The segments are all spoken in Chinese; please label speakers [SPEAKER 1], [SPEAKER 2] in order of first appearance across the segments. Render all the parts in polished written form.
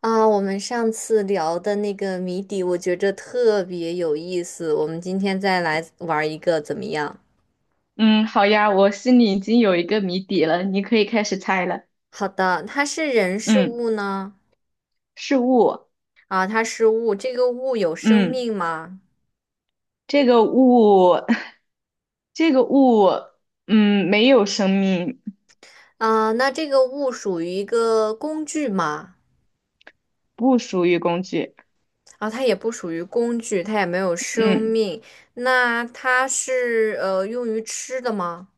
[SPEAKER 1] 我们上次聊的那个谜底，我觉着特别有意思。我们今天再来玩一个，怎么样？
[SPEAKER 2] 嗯，好呀，我心里已经有一个谜底了，你可以开始猜了。
[SPEAKER 1] 好的，它是人是
[SPEAKER 2] 嗯，
[SPEAKER 1] 物呢？
[SPEAKER 2] 是物。
[SPEAKER 1] 啊，它是物，这个物有生
[SPEAKER 2] 嗯，
[SPEAKER 1] 命吗？
[SPEAKER 2] 这个物，这个物，嗯，没有生命。
[SPEAKER 1] 啊，那这个物属于一个工具吗？
[SPEAKER 2] 不属于工具。
[SPEAKER 1] 啊，它也不属于工具，它也没有生
[SPEAKER 2] 嗯，
[SPEAKER 1] 命。那它是用于吃的吗？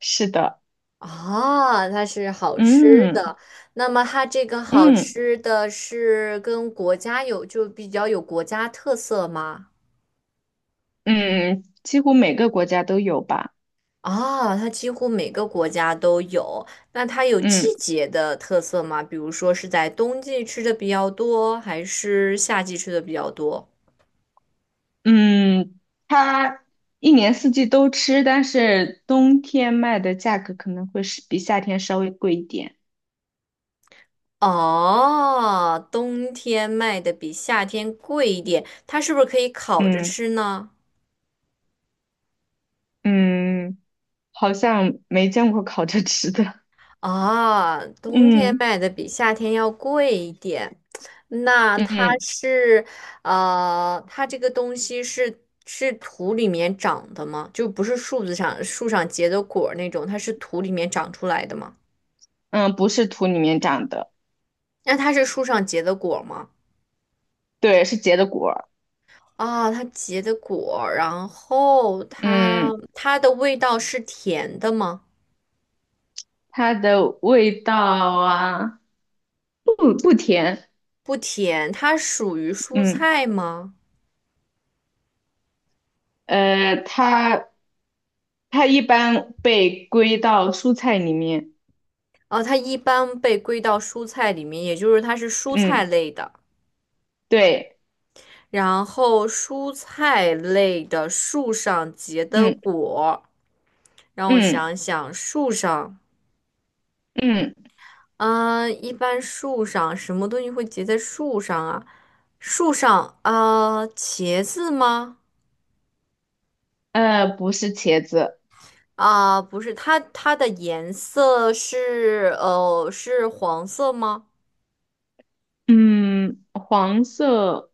[SPEAKER 2] 是的。
[SPEAKER 1] 啊，它是好吃
[SPEAKER 2] 嗯
[SPEAKER 1] 的。那么它这个好
[SPEAKER 2] 嗯
[SPEAKER 1] 吃的是跟国家有，就比较有国家特色吗？
[SPEAKER 2] 嗯，几乎每个国家都有吧。
[SPEAKER 1] 啊，它几乎每个国家都有。那它有
[SPEAKER 2] 嗯
[SPEAKER 1] 季节的特色吗？比如说是在冬季吃的比较多，还是夏季吃的比较多？
[SPEAKER 2] 嗯，它一年四季都吃，但是冬天卖的价格可能会是比夏天稍微贵一点。
[SPEAKER 1] 哦，冬天卖的比夏天贵一点，它是不是可以烤着
[SPEAKER 2] 嗯
[SPEAKER 1] 吃呢？
[SPEAKER 2] 嗯。好像没见过烤着吃的。
[SPEAKER 1] 啊，冬天
[SPEAKER 2] 嗯
[SPEAKER 1] 卖的比夏天要贵一点。那它
[SPEAKER 2] 嗯
[SPEAKER 1] 是，它这个东西是是土里面长的吗？就不是树子上树上结的果儿那种，它是土里面长出来的吗？
[SPEAKER 2] 嗯，不是土里面长的。
[SPEAKER 1] 那它是树上结的果儿吗？
[SPEAKER 2] 对，是结的果儿。
[SPEAKER 1] 啊，它结的果儿，然后它
[SPEAKER 2] 嗯，
[SPEAKER 1] 它的味道是甜的吗？
[SPEAKER 2] 它的味道啊，不甜。
[SPEAKER 1] 不甜，它属于蔬
[SPEAKER 2] 嗯，
[SPEAKER 1] 菜吗？
[SPEAKER 2] 呃，它它一般被归到蔬菜里面。
[SPEAKER 1] 哦，它一般被归到蔬菜里面，也就是它是蔬菜
[SPEAKER 2] 嗯，
[SPEAKER 1] 类的。
[SPEAKER 2] 对，
[SPEAKER 1] 然后蔬菜类的树上结的
[SPEAKER 2] 嗯
[SPEAKER 1] 果，让我
[SPEAKER 2] 嗯
[SPEAKER 1] 想想，树上，
[SPEAKER 2] 嗯，
[SPEAKER 1] 嗯、一般树上什么东西会结在树上啊？树上，啊，茄子吗？
[SPEAKER 2] 不是茄子。
[SPEAKER 1] 啊、不是，它的颜色是是黄色吗？
[SPEAKER 2] 嗯，黄色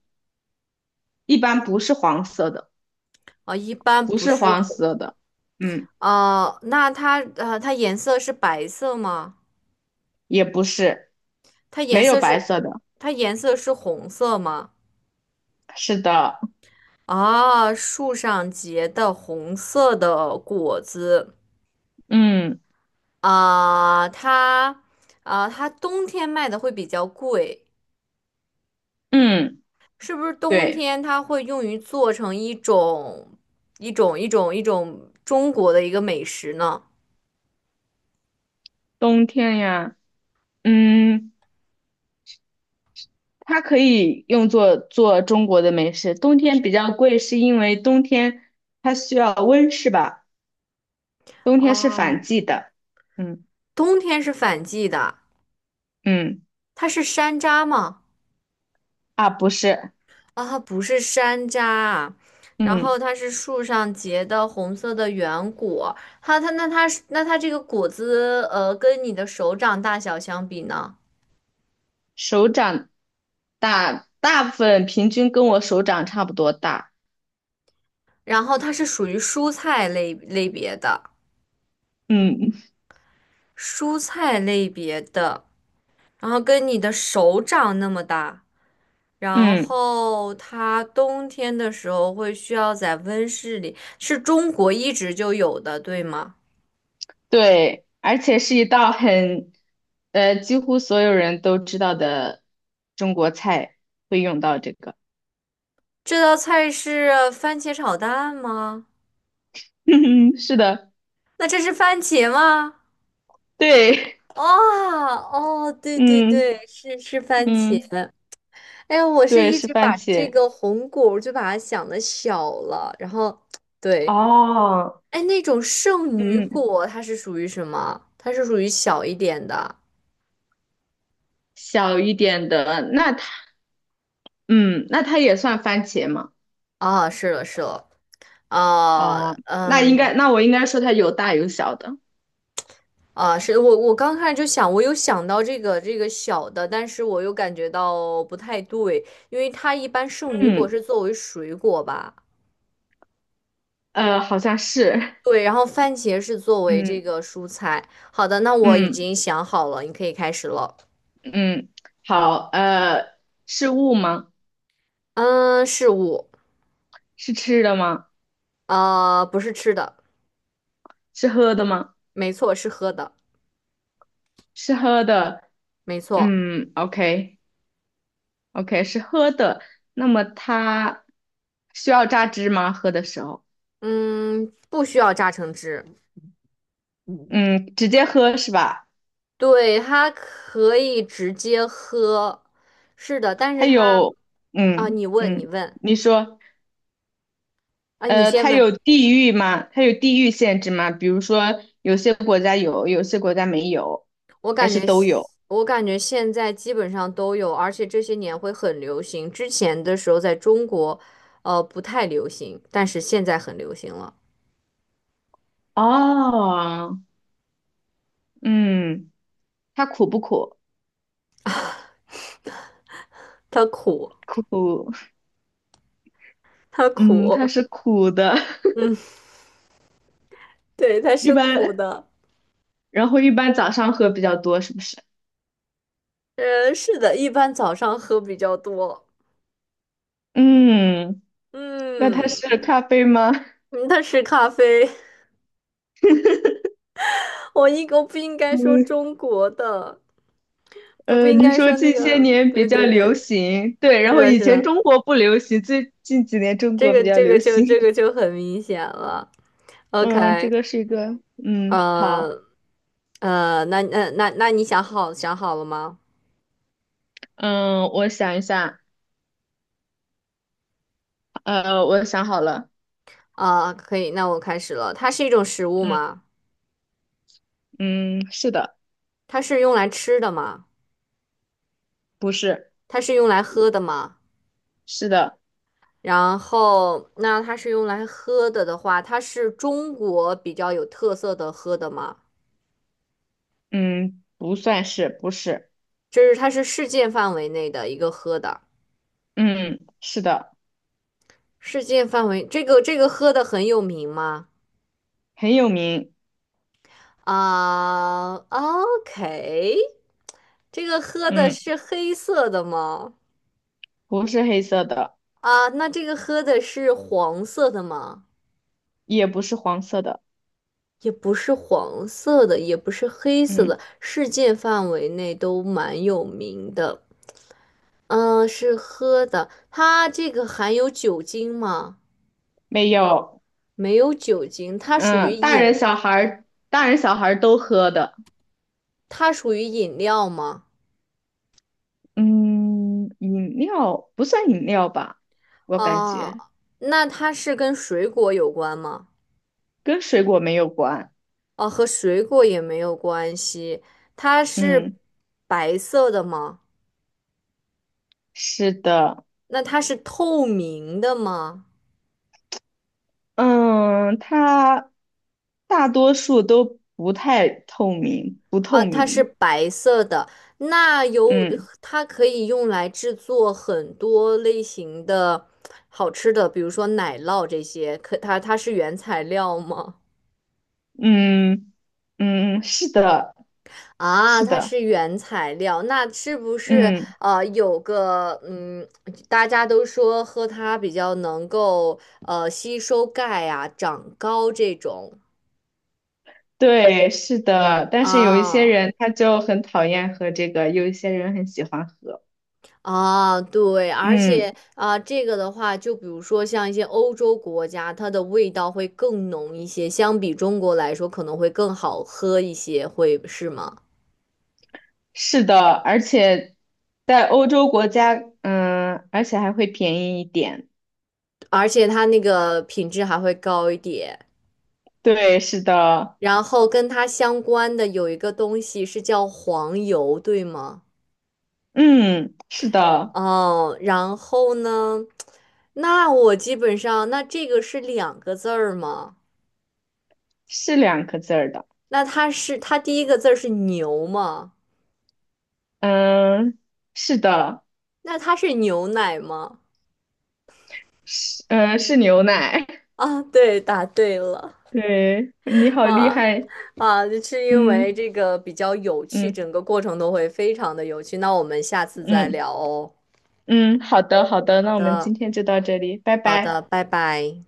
[SPEAKER 2] 一般不是黄色的，
[SPEAKER 1] 啊、一般
[SPEAKER 2] 不
[SPEAKER 1] 不
[SPEAKER 2] 是
[SPEAKER 1] 是
[SPEAKER 2] 黄
[SPEAKER 1] 黄，
[SPEAKER 2] 色的。嗯。
[SPEAKER 1] 啊、那它它颜色是白色吗？
[SPEAKER 2] 也不是，
[SPEAKER 1] 它颜
[SPEAKER 2] 没有
[SPEAKER 1] 色
[SPEAKER 2] 白
[SPEAKER 1] 是
[SPEAKER 2] 色的。
[SPEAKER 1] 它颜色是红色吗？
[SPEAKER 2] 是的，
[SPEAKER 1] 啊，树上结的红色的果子
[SPEAKER 2] 嗯
[SPEAKER 1] 啊，它啊，它冬天卖的会比较贵，
[SPEAKER 2] 嗯，
[SPEAKER 1] 是不是冬
[SPEAKER 2] 对，
[SPEAKER 1] 天它会用于做成一种一种中国的一个美食呢？
[SPEAKER 2] 冬天呀，嗯，它可以用作做中国的美食。冬天比较贵，是因为冬天它需要温室吧？冬天是
[SPEAKER 1] 啊，
[SPEAKER 2] 反季的。嗯
[SPEAKER 1] 冬天是反季的，
[SPEAKER 2] 嗯，
[SPEAKER 1] 它是山楂吗？
[SPEAKER 2] 啊，不是。
[SPEAKER 1] 啊，不是山楂啊。然
[SPEAKER 2] 嗯，
[SPEAKER 1] 后它是树上结的红色的圆果，它那它是那它这个果子，跟你的手掌大小相比呢？
[SPEAKER 2] 手掌大，大部分平均跟我手掌差不多大。
[SPEAKER 1] 然后它是属于蔬菜类别的，
[SPEAKER 2] 嗯
[SPEAKER 1] 蔬菜类别的，然后跟你的手掌那么大，然
[SPEAKER 2] 嗯。
[SPEAKER 1] 后它冬天的时候会需要在温室里，是中国一直就有的，对吗？
[SPEAKER 2] 对，而且是一道很，几乎所有人都知道的中国菜会用到这个。
[SPEAKER 1] 这道菜是番茄炒蛋吗？
[SPEAKER 2] 嗯，是的，
[SPEAKER 1] 那这是番茄吗？
[SPEAKER 2] 对，
[SPEAKER 1] 哦哦，对对
[SPEAKER 2] 嗯
[SPEAKER 1] 对，是是番茄。
[SPEAKER 2] 嗯，
[SPEAKER 1] 哎呀，我是
[SPEAKER 2] 对，
[SPEAKER 1] 一
[SPEAKER 2] 是
[SPEAKER 1] 直
[SPEAKER 2] 番
[SPEAKER 1] 把这
[SPEAKER 2] 茄。
[SPEAKER 1] 个红果儿就把它想的小了，然后对，
[SPEAKER 2] 哦，
[SPEAKER 1] 哎，那种圣女
[SPEAKER 2] 嗯，
[SPEAKER 1] 果它是属于什么？它是属于小一点的
[SPEAKER 2] 小一点的，那它也算番茄吗？
[SPEAKER 1] 啊，是了是了，啊
[SPEAKER 2] 哦，
[SPEAKER 1] 嗯
[SPEAKER 2] 那我应该说它有大有小的。
[SPEAKER 1] 啊，是我刚开始就想，我有想到这个小的，但是我又感觉到不太对，因为它一般圣女果
[SPEAKER 2] 嗯，
[SPEAKER 1] 是作为水果吧。
[SPEAKER 2] 好像是。
[SPEAKER 1] 对，然后番茄是作为这
[SPEAKER 2] 嗯
[SPEAKER 1] 个蔬菜。好的，那我已
[SPEAKER 2] 嗯
[SPEAKER 1] 经想好了，你可以开始了。
[SPEAKER 2] 嗯，好，是物吗？
[SPEAKER 1] 嗯，事物，
[SPEAKER 2] 是吃的吗？
[SPEAKER 1] 啊，不是吃的，
[SPEAKER 2] 是喝的吗？
[SPEAKER 1] 没错，是喝的，
[SPEAKER 2] 是喝的，
[SPEAKER 1] 没错。
[SPEAKER 2] 嗯，OK OK，是喝的。那么它需要榨汁吗？喝的时候，
[SPEAKER 1] 嗯，不需要榨成汁，
[SPEAKER 2] 嗯，直接喝是吧？
[SPEAKER 1] 对，它可以直接喝。是的，但是
[SPEAKER 2] 它
[SPEAKER 1] 它
[SPEAKER 2] 有，
[SPEAKER 1] 啊，
[SPEAKER 2] 嗯
[SPEAKER 1] 你问，你
[SPEAKER 2] 嗯，
[SPEAKER 1] 问
[SPEAKER 2] 你说，
[SPEAKER 1] 啊，你先
[SPEAKER 2] 它
[SPEAKER 1] 问。
[SPEAKER 2] 有地域吗？它有地域限制吗？比如说，有些国家有，有些国家没有，还是都有？
[SPEAKER 1] 我感觉现在基本上都有，而且这些年会很流行。之前的时候在中国，不太流行，但是现在很流行了。
[SPEAKER 2] 哦，嗯，它苦不苦？
[SPEAKER 1] 它苦，
[SPEAKER 2] 苦，
[SPEAKER 1] 它
[SPEAKER 2] 嗯，它
[SPEAKER 1] 苦
[SPEAKER 2] 是苦的。
[SPEAKER 1] 嗯，对，它
[SPEAKER 2] 一
[SPEAKER 1] 是苦
[SPEAKER 2] 般
[SPEAKER 1] 的。
[SPEAKER 2] 然后一般早上喝比较多，是不是？
[SPEAKER 1] 是的，一般早上喝比较多。
[SPEAKER 2] 嗯，那它
[SPEAKER 1] 嗯，
[SPEAKER 2] 是咖啡吗？
[SPEAKER 1] 嗯它是咖啡。我不应该说
[SPEAKER 2] 嗯，
[SPEAKER 1] 中国的，我不应
[SPEAKER 2] 你
[SPEAKER 1] 该
[SPEAKER 2] 说
[SPEAKER 1] 说那
[SPEAKER 2] 近些
[SPEAKER 1] 个。
[SPEAKER 2] 年比
[SPEAKER 1] 对
[SPEAKER 2] 较
[SPEAKER 1] 对
[SPEAKER 2] 流
[SPEAKER 1] 对，
[SPEAKER 2] 行，对，然
[SPEAKER 1] 是
[SPEAKER 2] 后
[SPEAKER 1] 的，
[SPEAKER 2] 以
[SPEAKER 1] 是
[SPEAKER 2] 前
[SPEAKER 1] 的，
[SPEAKER 2] 中国不流行，最近几年中
[SPEAKER 1] 这
[SPEAKER 2] 国
[SPEAKER 1] 个
[SPEAKER 2] 比较
[SPEAKER 1] 这个
[SPEAKER 2] 流
[SPEAKER 1] 就
[SPEAKER 2] 行。
[SPEAKER 1] 这个 就很明显了。
[SPEAKER 2] 嗯，这
[SPEAKER 1] OK。
[SPEAKER 2] 个是一个。好，
[SPEAKER 1] 呃那你想好了吗？
[SPEAKER 2] 嗯，我想一下，我想好了。
[SPEAKER 1] 啊、可以，那我开始了。它是一种食物
[SPEAKER 2] 嗯
[SPEAKER 1] 吗？
[SPEAKER 2] 嗯，是的。
[SPEAKER 1] 它是用来吃的吗？
[SPEAKER 2] 不是。
[SPEAKER 1] 它是用来喝的吗？
[SPEAKER 2] 是的。
[SPEAKER 1] 然后，那它是用来喝的的话，它是中国比较有特色的喝的吗？
[SPEAKER 2] 嗯，不算是，不是。
[SPEAKER 1] 就是它是世界范围内的一个喝的，
[SPEAKER 2] 嗯，是的。
[SPEAKER 1] 世界范围这个喝的很有名吗？
[SPEAKER 2] 很有名。
[SPEAKER 1] 啊，OK、o k。 这个喝的
[SPEAKER 2] 嗯，
[SPEAKER 1] 是黑色的吗？
[SPEAKER 2] 不是黑色的，
[SPEAKER 1] 啊，那这个喝的是黄色的吗？
[SPEAKER 2] 也不是黄色的。
[SPEAKER 1] 也不是黄色的，也不是黑色
[SPEAKER 2] 嗯。
[SPEAKER 1] 的，世界范围内都蛮有名的。嗯，是喝的，它这个含有酒精吗？
[SPEAKER 2] 没有，
[SPEAKER 1] 没有酒精，它属于
[SPEAKER 2] 嗯，大人
[SPEAKER 1] 饮，
[SPEAKER 2] 小孩儿，大人小孩儿都喝的。
[SPEAKER 1] 它属于饮料吗？
[SPEAKER 2] 嗯，饮料不算饮料吧，我感觉
[SPEAKER 1] 啊，那它是跟水果有关吗？
[SPEAKER 2] 跟水果没有关。
[SPEAKER 1] 哦，和水果也没有关系。它是
[SPEAKER 2] 嗯，
[SPEAKER 1] 白色的吗？
[SPEAKER 2] 是的。
[SPEAKER 1] 那它是透明的吗？
[SPEAKER 2] 嗯，它大多数都不太透明，不透
[SPEAKER 1] 啊，它是
[SPEAKER 2] 明。
[SPEAKER 1] 白色的，那有，
[SPEAKER 2] 嗯
[SPEAKER 1] 它可以用来制作很多类型的好吃的，比如说奶酪这些。可它是原材料吗？
[SPEAKER 2] 嗯嗯，是的，
[SPEAKER 1] 啊，
[SPEAKER 2] 是
[SPEAKER 1] 它
[SPEAKER 2] 的。
[SPEAKER 1] 是原材料，那是不是
[SPEAKER 2] 嗯，
[SPEAKER 1] 有个嗯，大家都说喝它比较能够吸收钙啊、长高这种
[SPEAKER 2] 对，是的。但是有一些
[SPEAKER 1] 啊？
[SPEAKER 2] 人他就很讨厌喝这个，有一些人很喜欢喝。
[SPEAKER 1] 啊，对，而
[SPEAKER 2] 嗯。
[SPEAKER 1] 且啊，这个的话，就比如说像一些欧洲国家，它的味道会更浓一些，相比中国来说可能会更好喝一些，会是吗？
[SPEAKER 2] 是的，而且在欧洲国家，而且还会便宜一点。
[SPEAKER 1] 而且它那个品质还会高一点。
[SPEAKER 2] 对，是的，
[SPEAKER 1] 然后跟它相关的有一个东西是叫黄油，对吗？
[SPEAKER 2] 嗯，是的。
[SPEAKER 1] 哦，然后呢，那我基本上，那这个是两个字儿吗？
[SPEAKER 2] 是两个字儿的。
[SPEAKER 1] 那它是它第一个字儿是牛吗？
[SPEAKER 2] 嗯，是的。
[SPEAKER 1] 那它是牛奶吗？
[SPEAKER 2] 是牛奶。
[SPEAKER 1] 啊，对，答对了，
[SPEAKER 2] 对，你好厉
[SPEAKER 1] 哇
[SPEAKER 2] 害。
[SPEAKER 1] 啊，就是因为
[SPEAKER 2] 嗯
[SPEAKER 1] 这个比较有趣，
[SPEAKER 2] 嗯
[SPEAKER 1] 整个过程都会非常的有趣。那我们下次再
[SPEAKER 2] 嗯
[SPEAKER 1] 聊哦。
[SPEAKER 2] 嗯，好的好的，
[SPEAKER 1] 好
[SPEAKER 2] 那我们
[SPEAKER 1] 的，
[SPEAKER 2] 今天就到这里，拜
[SPEAKER 1] 好
[SPEAKER 2] 拜。
[SPEAKER 1] 的，拜拜。